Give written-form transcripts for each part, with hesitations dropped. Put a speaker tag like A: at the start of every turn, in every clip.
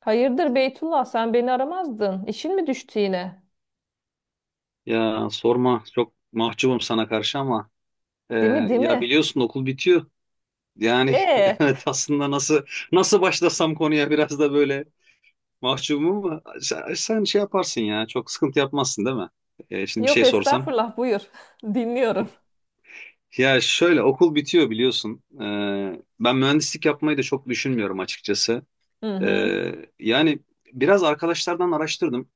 A: Hayırdır Beytullah sen beni aramazdın. İşin mi düştü yine?
B: Ya sorma çok mahcubum sana karşı ama e,
A: Değil mi değil
B: ya
A: mi?
B: biliyorsun okul bitiyor. Yani
A: Ee,
B: evet aslında nasıl başlasam konuya biraz da böyle mahcubum ama sen şey yaparsın ya çok sıkıntı yapmazsın değil mi? Şimdi bir
A: yok
B: şey sorsam.
A: estağfurullah buyur. Dinliyorum.
B: Ya şöyle okul bitiyor biliyorsun. Ben mühendislik yapmayı da çok düşünmüyorum açıkçası.
A: Hı
B: E,
A: hı.
B: Yani biraz arkadaşlardan araştırdım.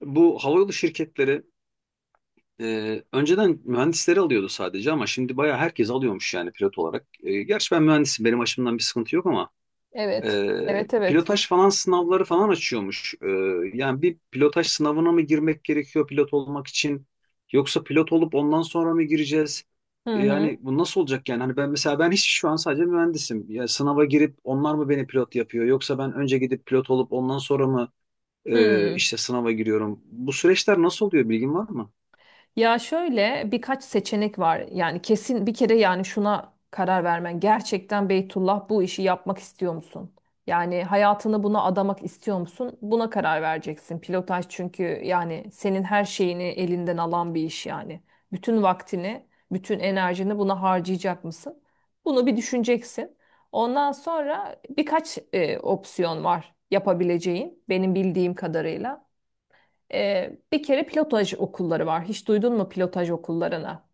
B: Bu havayolu şirketleri önceden mühendisleri alıyordu sadece ama şimdi bayağı herkes alıyormuş yani pilot olarak. Gerçi ben mühendisim benim açımdan bir sıkıntı yok ama
A: Evet. Evet evet.
B: pilotaj falan sınavları falan açıyormuş. Yani bir pilotaj sınavına mı girmek gerekiyor pilot olmak için yoksa pilot olup ondan sonra mı gireceğiz?
A: Hı
B: Yani
A: hı.
B: bu nasıl olacak yani? Hani ben mesela ben hiç şu an sadece mühendisim. Ya sınava girip onlar mı beni pilot yapıyor yoksa ben önce gidip pilot olup ondan sonra mı
A: Hı.
B: işte sınava giriyorum? Bu süreçler nasıl oluyor bilgin var mı?
A: Ya şöyle birkaç seçenek var. Yani kesin bir kere yani şuna karar vermen. Gerçekten Beytullah bu işi yapmak istiyor musun? Yani hayatını buna adamak istiyor musun? Buna karar vereceksin. Pilotaj çünkü yani senin her şeyini elinden alan bir iş yani. Bütün vaktini, bütün enerjini buna harcayacak mısın? Bunu bir düşüneceksin. Ondan sonra birkaç opsiyon var yapabileceğin benim bildiğim kadarıyla. Bir kere pilotaj okulları var. Hiç duydun mu pilotaj okullarına?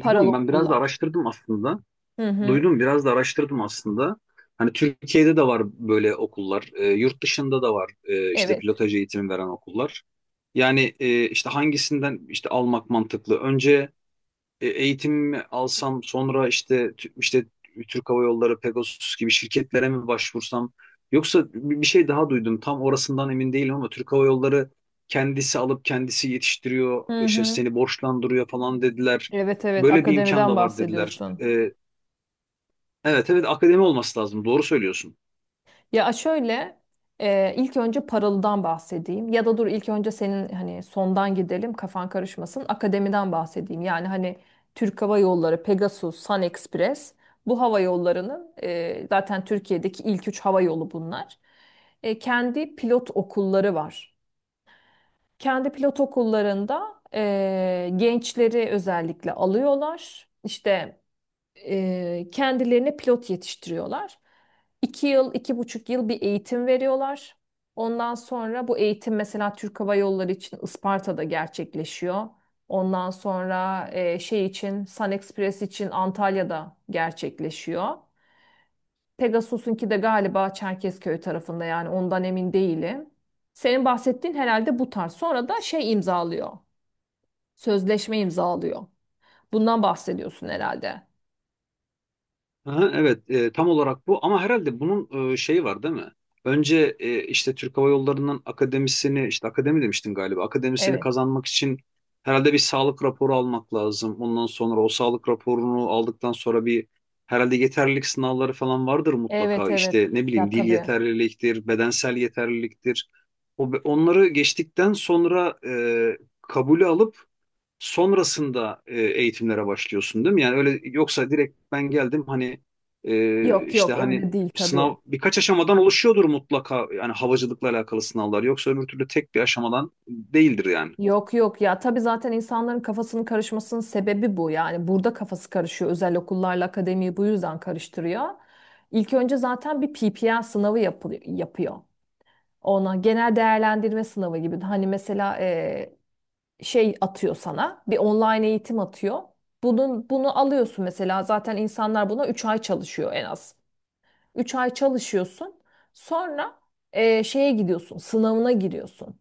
A: Paralı
B: Ben biraz da
A: okullar.
B: araştırdım aslında.
A: Hı hı.
B: Duydum. Biraz da araştırdım aslında. Hani Türkiye'de de var böyle okullar. Yurt dışında da var işte
A: Evet.
B: pilotaj eğitimi veren okullar. Yani işte hangisinden işte almak mantıklı? Önce eğitimimi alsam sonra işte işte Türk Hava Yolları, Pegasus gibi şirketlere mi başvursam yoksa bir şey daha duydum. Tam orasından emin değilim ama Türk Hava Yolları kendisi alıp kendisi yetiştiriyor,
A: Hı
B: işte
A: hı.
B: seni borçlandırıyor falan dediler.
A: Evet evet
B: Böyle bir imkan
A: akademiden
B: da var dediler.
A: bahsediyorsun.
B: Evet evet akademi olması lazım. Doğru söylüyorsun.
A: Ya şöyle ilk önce paralıdan bahsedeyim ya da dur ilk önce senin hani sondan gidelim kafan karışmasın akademiden bahsedeyim. Yani hani Türk Hava Yolları, Pegasus, Sun Express bu hava yollarının zaten Türkiye'deki ilk üç hava yolu bunlar. Kendi pilot okulları var. Kendi pilot okullarında gençleri özellikle alıyorlar. İşte kendilerine pilot yetiştiriyorlar. 2 yıl, 2,5 yıl bir eğitim veriyorlar. Ondan sonra bu eğitim mesela Türk Hava Yolları için Isparta'da gerçekleşiyor. Ondan sonra şey için Sun Express için Antalya'da gerçekleşiyor. Pegasus'unki de galiba Çerkezköy tarafında yani ondan emin değilim. Senin bahsettiğin herhalde bu tarz. Sonra da şey imzalıyor. Sözleşme imzalıyor. Bundan bahsediyorsun herhalde.
B: Aha, evet tam olarak bu ama herhalde bunun şeyi var değil mi? Önce işte Türk Hava Yolları'nın akademisini işte akademi demiştin galiba akademisini
A: Evet.
B: kazanmak için herhalde bir sağlık raporu almak lazım. Ondan sonra o sağlık raporunu aldıktan sonra bir herhalde yeterlilik sınavları falan vardır
A: Evet
B: mutlaka.
A: evet.
B: İşte ne
A: Ya
B: bileyim dil
A: tabii.
B: yeterliliktir, bedensel yeterliliktir. Onları geçtikten sonra kabulü alıp sonrasında eğitimlere başlıyorsun değil mi? Yani öyle yoksa direkt ben geldim hani
A: Yok
B: işte
A: yok
B: hani
A: öyle değil tabii.
B: sınav birkaç aşamadan oluşuyordur mutlaka yani havacılıkla alakalı sınavlar yoksa öbür türlü tek bir aşamadan değildir yani.
A: Yok yok ya tabii zaten insanların kafasının karışmasının sebebi bu. Yani burada kafası karışıyor. Özel okullarla akademiyi bu yüzden karıştırıyor. İlk önce zaten bir PPL sınavı yapılıyor, yapıyor. Ona genel değerlendirme sınavı gibi. Hani mesela şey atıyor sana. Bir online eğitim atıyor. Bunu alıyorsun mesela. Zaten insanlar buna 3 ay çalışıyor en az. 3 ay çalışıyorsun. Sonra şeye gidiyorsun. Sınavına giriyorsun.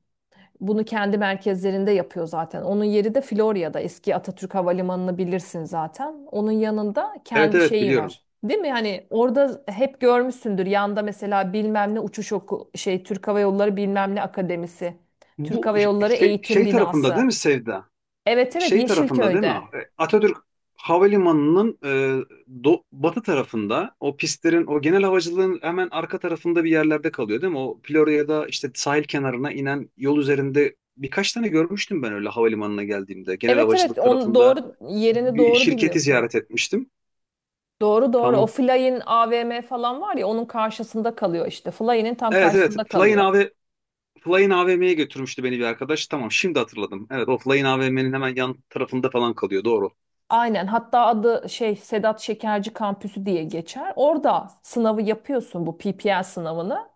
A: Bunu kendi merkezlerinde yapıyor zaten. Onun yeri de Florya'da. Eski Atatürk Havalimanı'nı bilirsin zaten. Onun yanında
B: Evet
A: kendi
B: evet
A: şeyi
B: biliyorum.
A: var. Değil mi? Hani orada hep görmüşsündür. Yanda mesela bilmem ne uçuş oku şey Türk Hava Yolları bilmem ne akademisi. Türk
B: Bu
A: Hava Yolları
B: şey,
A: eğitim
B: şey tarafında
A: binası.
B: değil mi Sevda?
A: Evet evet
B: Şey tarafında değil mi?
A: Yeşilköy'de.
B: Atatürk Havalimanı'nın batı tarafında o pistlerin o genel havacılığın hemen arka tarafında bir yerlerde kalıyor değil mi? O Florya'da işte sahil kenarına inen yol üzerinde birkaç tane görmüştüm ben öyle havalimanına geldiğimde. Genel
A: Evet evet
B: havacılık
A: on
B: tarafında
A: doğru yerini
B: bir
A: doğru
B: şirketi
A: biliyorsun.
B: ziyaret etmiştim.
A: Doğru doğru. O
B: Tamam.
A: Fly'in AVM falan var ya onun karşısında kalıyor işte. Fly'in tam
B: Evet evet.
A: karşısında kalıyor.
B: Flying AVM'ye götürmüştü beni bir arkadaş. Tamam şimdi hatırladım. Evet o Flying AVM'nin hemen yan tarafında falan kalıyor. Doğru.
A: Aynen. Hatta adı şey Sedat Şekerci Kampüsü diye geçer. Orada sınavı yapıyorsun bu PPL sınavını.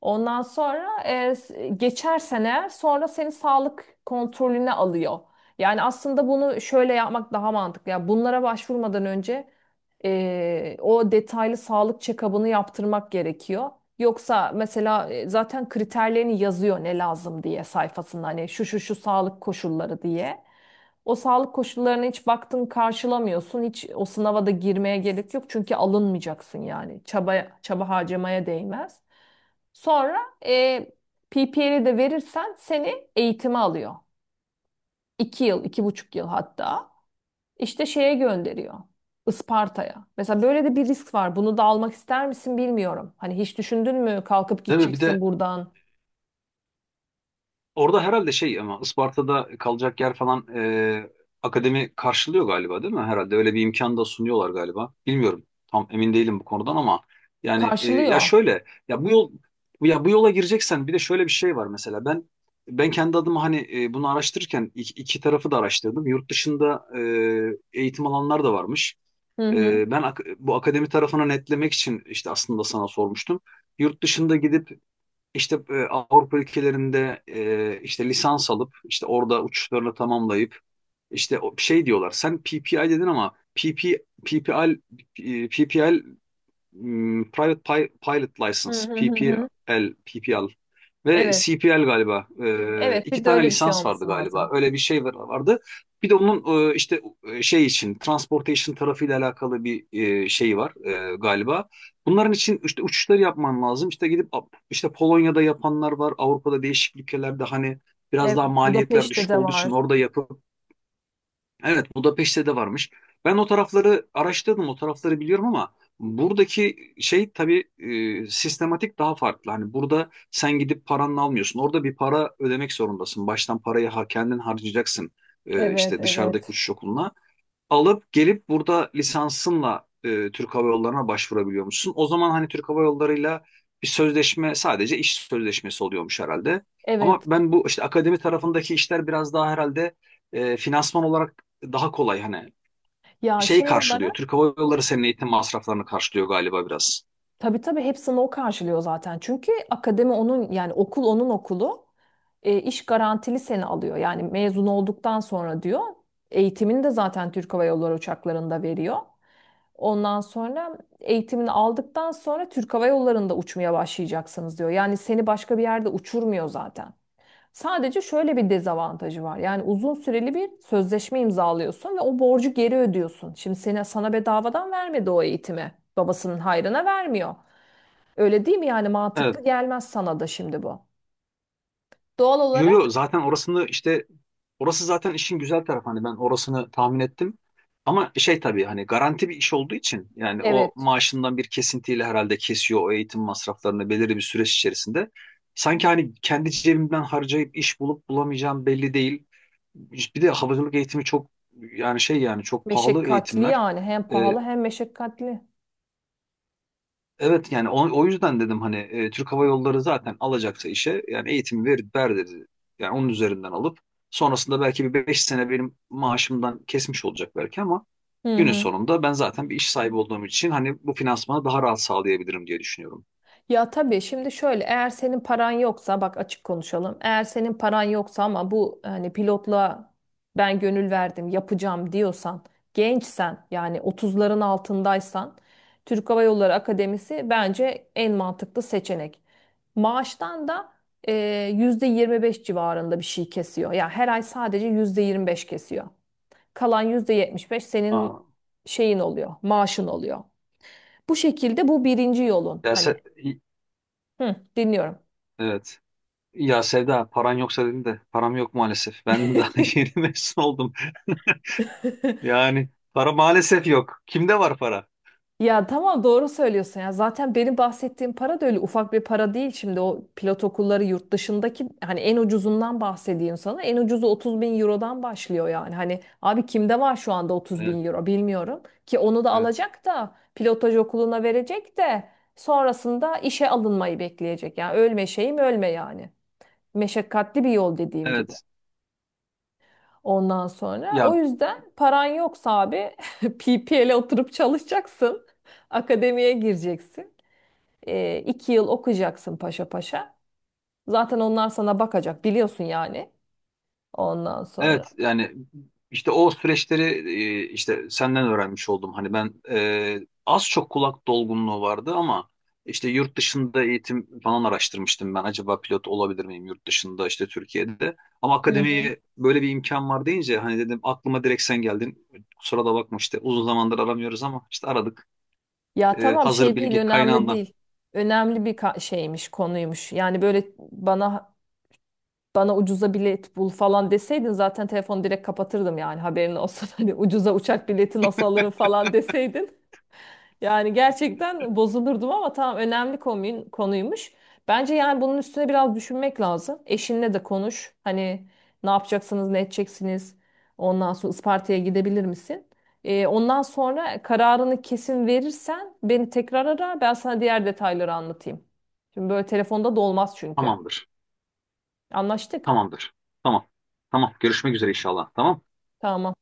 A: Ondan sonra geçersen eğer sonra seni sağlık kontrolüne alıyor. Yani aslında bunu şöyle yapmak daha mantıklı. Yani bunlara başvurmadan önce o detaylı sağlık check-up'ını yaptırmak gerekiyor. Yoksa mesela zaten kriterlerini yazıyor ne lazım diye sayfasında hani şu şu şu sağlık koşulları diye. O sağlık koşullarına hiç baktın karşılamıyorsun. Hiç o sınava da girmeye gerek yok çünkü alınmayacaksın yani. Çaba harcamaya değmez. Sonra e, PPR'i de verirsen seni eğitime alıyor. 2 yıl, 2,5 yıl hatta. İşte şeye gönderiyor. Isparta'ya. Mesela böyle de bir risk var. Bunu da almak ister misin bilmiyorum. Hani hiç düşündün mü kalkıp
B: Değil mi? Bir
A: gideceksin
B: de
A: buradan?
B: orada herhalde şey ama Isparta'da kalacak yer falan akademi karşılıyor galiba değil mi? Herhalde öyle bir imkan da sunuyorlar galiba. Bilmiyorum. Tam emin değilim bu konudan ama yani ya
A: Karşılıyor.
B: şöyle ya bu yol ya bu yola gireceksen bir de şöyle bir şey var mesela ben kendi adıma hani bunu araştırırken iki tarafı da araştırdım. Yurt dışında eğitim alanlar da varmış.
A: Hı hı.
B: Bu akademi tarafını netlemek için işte aslında sana sormuştum. Yurt dışında gidip işte Avrupa ülkelerinde işte lisans alıp işte orada uçuşlarını tamamlayıp işte şey diyorlar. Sen PPI dedin ama PP, PPL, P P L Private Pilot
A: Hı
B: License,
A: hı hı hı.
B: PPL ve
A: Evet.
B: CPL galiba.
A: Evet,
B: İki
A: bir de
B: tane
A: öyle bir şey
B: lisans vardı
A: olması
B: galiba.
A: lazım.
B: Öyle bir şey vardı. Bir de onun işte şey için transportation tarafıyla alakalı bir şey var galiba. Bunların için işte uçuşları yapman lazım. İşte gidip işte Polonya'da yapanlar var. Avrupa'da değişik ülkelerde hani biraz
A: Evet,
B: daha maliyetler
A: Budapeşte
B: düşük
A: de
B: olduğu
A: var.
B: için orada yapıp. Evet, Budapeşte de varmış. Ben o tarafları araştırdım, o tarafları biliyorum ama buradaki şey tabii sistematik daha farklı. Hani burada sen gidip paranla almıyorsun. Orada bir para ödemek zorundasın. Baştan parayı ha, kendin harcayacaksın.
A: Evet,
B: İşte dışarıdaki
A: evet.
B: uçuş okuluna alıp gelip burada lisansınla Türk Hava Yolları'na başvurabiliyormuşsun. O zaman hani Türk Hava Yolları'yla bir sözleşme sadece iş sözleşmesi oluyormuş herhalde. Ama
A: Evet.
B: ben bu işte akademi tarafındaki işler biraz daha herhalde finansman olarak daha kolay hani
A: Ya
B: şeyi
A: şey
B: karşılıyor.
A: olarak.
B: Türk Hava Yolları senin eğitim masraflarını karşılıyor galiba biraz.
A: Tabii tabii hepsini o karşılıyor zaten. Çünkü akademi onun yani okul onun okulu. E, iş garantili seni alıyor. Yani mezun olduktan sonra diyor. Eğitimini de zaten Türk Hava Yolları uçaklarında veriyor. Ondan sonra eğitimini aldıktan sonra Türk Hava Yolları'nda uçmaya başlayacaksınız diyor. Yani seni başka bir yerde uçurmuyor zaten. Sadece şöyle bir dezavantajı var. Yani uzun süreli bir sözleşme imzalıyorsun ve o borcu geri ödüyorsun. Şimdi seni sana bedavadan vermedi o eğitimi. Babasının hayrına vermiyor. Öyle değil mi? Yani
B: Evet.
A: mantıklı gelmez sana da şimdi bu. Doğal
B: Yo, yo,
A: olarak.
B: zaten orasını işte orası zaten işin güzel tarafı hani ben orasını tahmin ettim. Ama şey tabii hani garanti bir iş olduğu için yani o
A: Evet.
B: maaşından bir kesintiyle herhalde kesiyor o eğitim masraflarını belirli bir süreç içerisinde. Sanki hani kendi cebimden harcayıp iş bulup bulamayacağım belli değil. Bir de havacılık eğitimi çok yani şey yani çok pahalı
A: Meşakkatli
B: eğitimler.
A: yani. Hem pahalı
B: Ee,
A: hem meşakkatli.
B: Evet yani o yüzden dedim hani Türk Hava Yolları zaten alacaksa işe yani eğitim ver, ver dedi. Yani onun üzerinden alıp sonrasında belki bir 5 sene benim maaşımdan kesmiş olacak belki ama
A: Hı
B: günün
A: hı.
B: sonunda ben zaten bir iş sahibi olduğum için hani bu finansmanı daha rahat sağlayabilirim diye düşünüyorum.
A: Ya tabii şimdi şöyle eğer senin paran yoksa bak açık konuşalım. Eğer senin paran yoksa ama bu hani pilotla ben gönül verdim yapacağım diyorsan gençsen yani 30'ların altındaysan Türk Hava Yolları Akademisi bence en mantıklı seçenek. Maaştan da %25 civarında bir şey kesiyor. Ya her ay sadece %25 kesiyor. Kalan %75
B: Aa,
A: senin şeyin oluyor, maaşın oluyor. Bu şekilde bu birinci yolun
B: ya
A: hani.
B: Se- i-
A: Hı, dinliyorum.
B: evet. Ya Sevda paran yoksa dedin de param yok maalesef. Ben daha yeni mezun oldum. Yani para maalesef yok. Kimde var para?
A: Ya tamam doğru söylüyorsun ya. Zaten benim bahsettiğim para da öyle ufak bir para değil. Şimdi o pilot okulları yurt dışındaki hani en ucuzundan bahsedeyim sana. En ucuzu 30 bin eurodan başlıyor yani. Hani abi kimde var şu anda 30
B: Evet,
A: bin euro bilmiyorum. Ki onu da
B: evet.
A: alacak da pilotaj okuluna verecek de sonrasında işe alınmayı bekleyecek. Yani ölme şeyim ölme yani. Meşakkatli bir yol dediğim gibi.
B: Evet.
A: Ondan sonra
B: Ya,
A: o yüzden paran yoksa abi PPL'e oturup çalışacaksın. Akademiye gireceksin. E, 2 yıl okuyacaksın paşa paşa. Zaten onlar sana bakacak biliyorsun yani. Ondan sonra.
B: evet yani işte o süreçleri işte senden öğrenmiş oldum. Hani ben az çok kulak dolgunluğu vardı ama işte yurt dışında eğitim falan araştırmıştım ben. Acaba pilot olabilir miyim yurt dışında işte Türkiye'de. Ama
A: Hı hı.
B: akademiye böyle bir imkan var deyince hani dedim aklıma direkt sen geldin. Kusura da bakma işte uzun zamandır aramıyoruz ama işte aradık.
A: Ya tamam
B: Hazır
A: şey değil
B: bilgi
A: önemli
B: kaynağından.
A: değil. Önemli bir şeymiş konuymuş. Yani böyle bana ucuza bilet bul falan deseydin zaten telefonu direkt kapatırdım yani haberin olsun. Hani ucuza uçak bileti nasıl alırım falan deseydin. Yani gerçekten bozulurdum ama tamam önemli konuymuş. Bence yani bunun üstüne biraz düşünmek lazım. Eşinle de konuş. Hani ne yapacaksınız, ne edeceksiniz? Ondan sonra Isparta'ya gidebilir misin? Ondan sonra kararını kesin verirsen beni tekrar ara. Ben sana diğer detayları anlatayım. Şimdi böyle telefonda da olmaz çünkü.
B: Tamamdır.
A: Anlaştık.
B: Tamamdır. Tamam. Tamam. Görüşmek üzere inşallah. Tamam.
A: Tamam.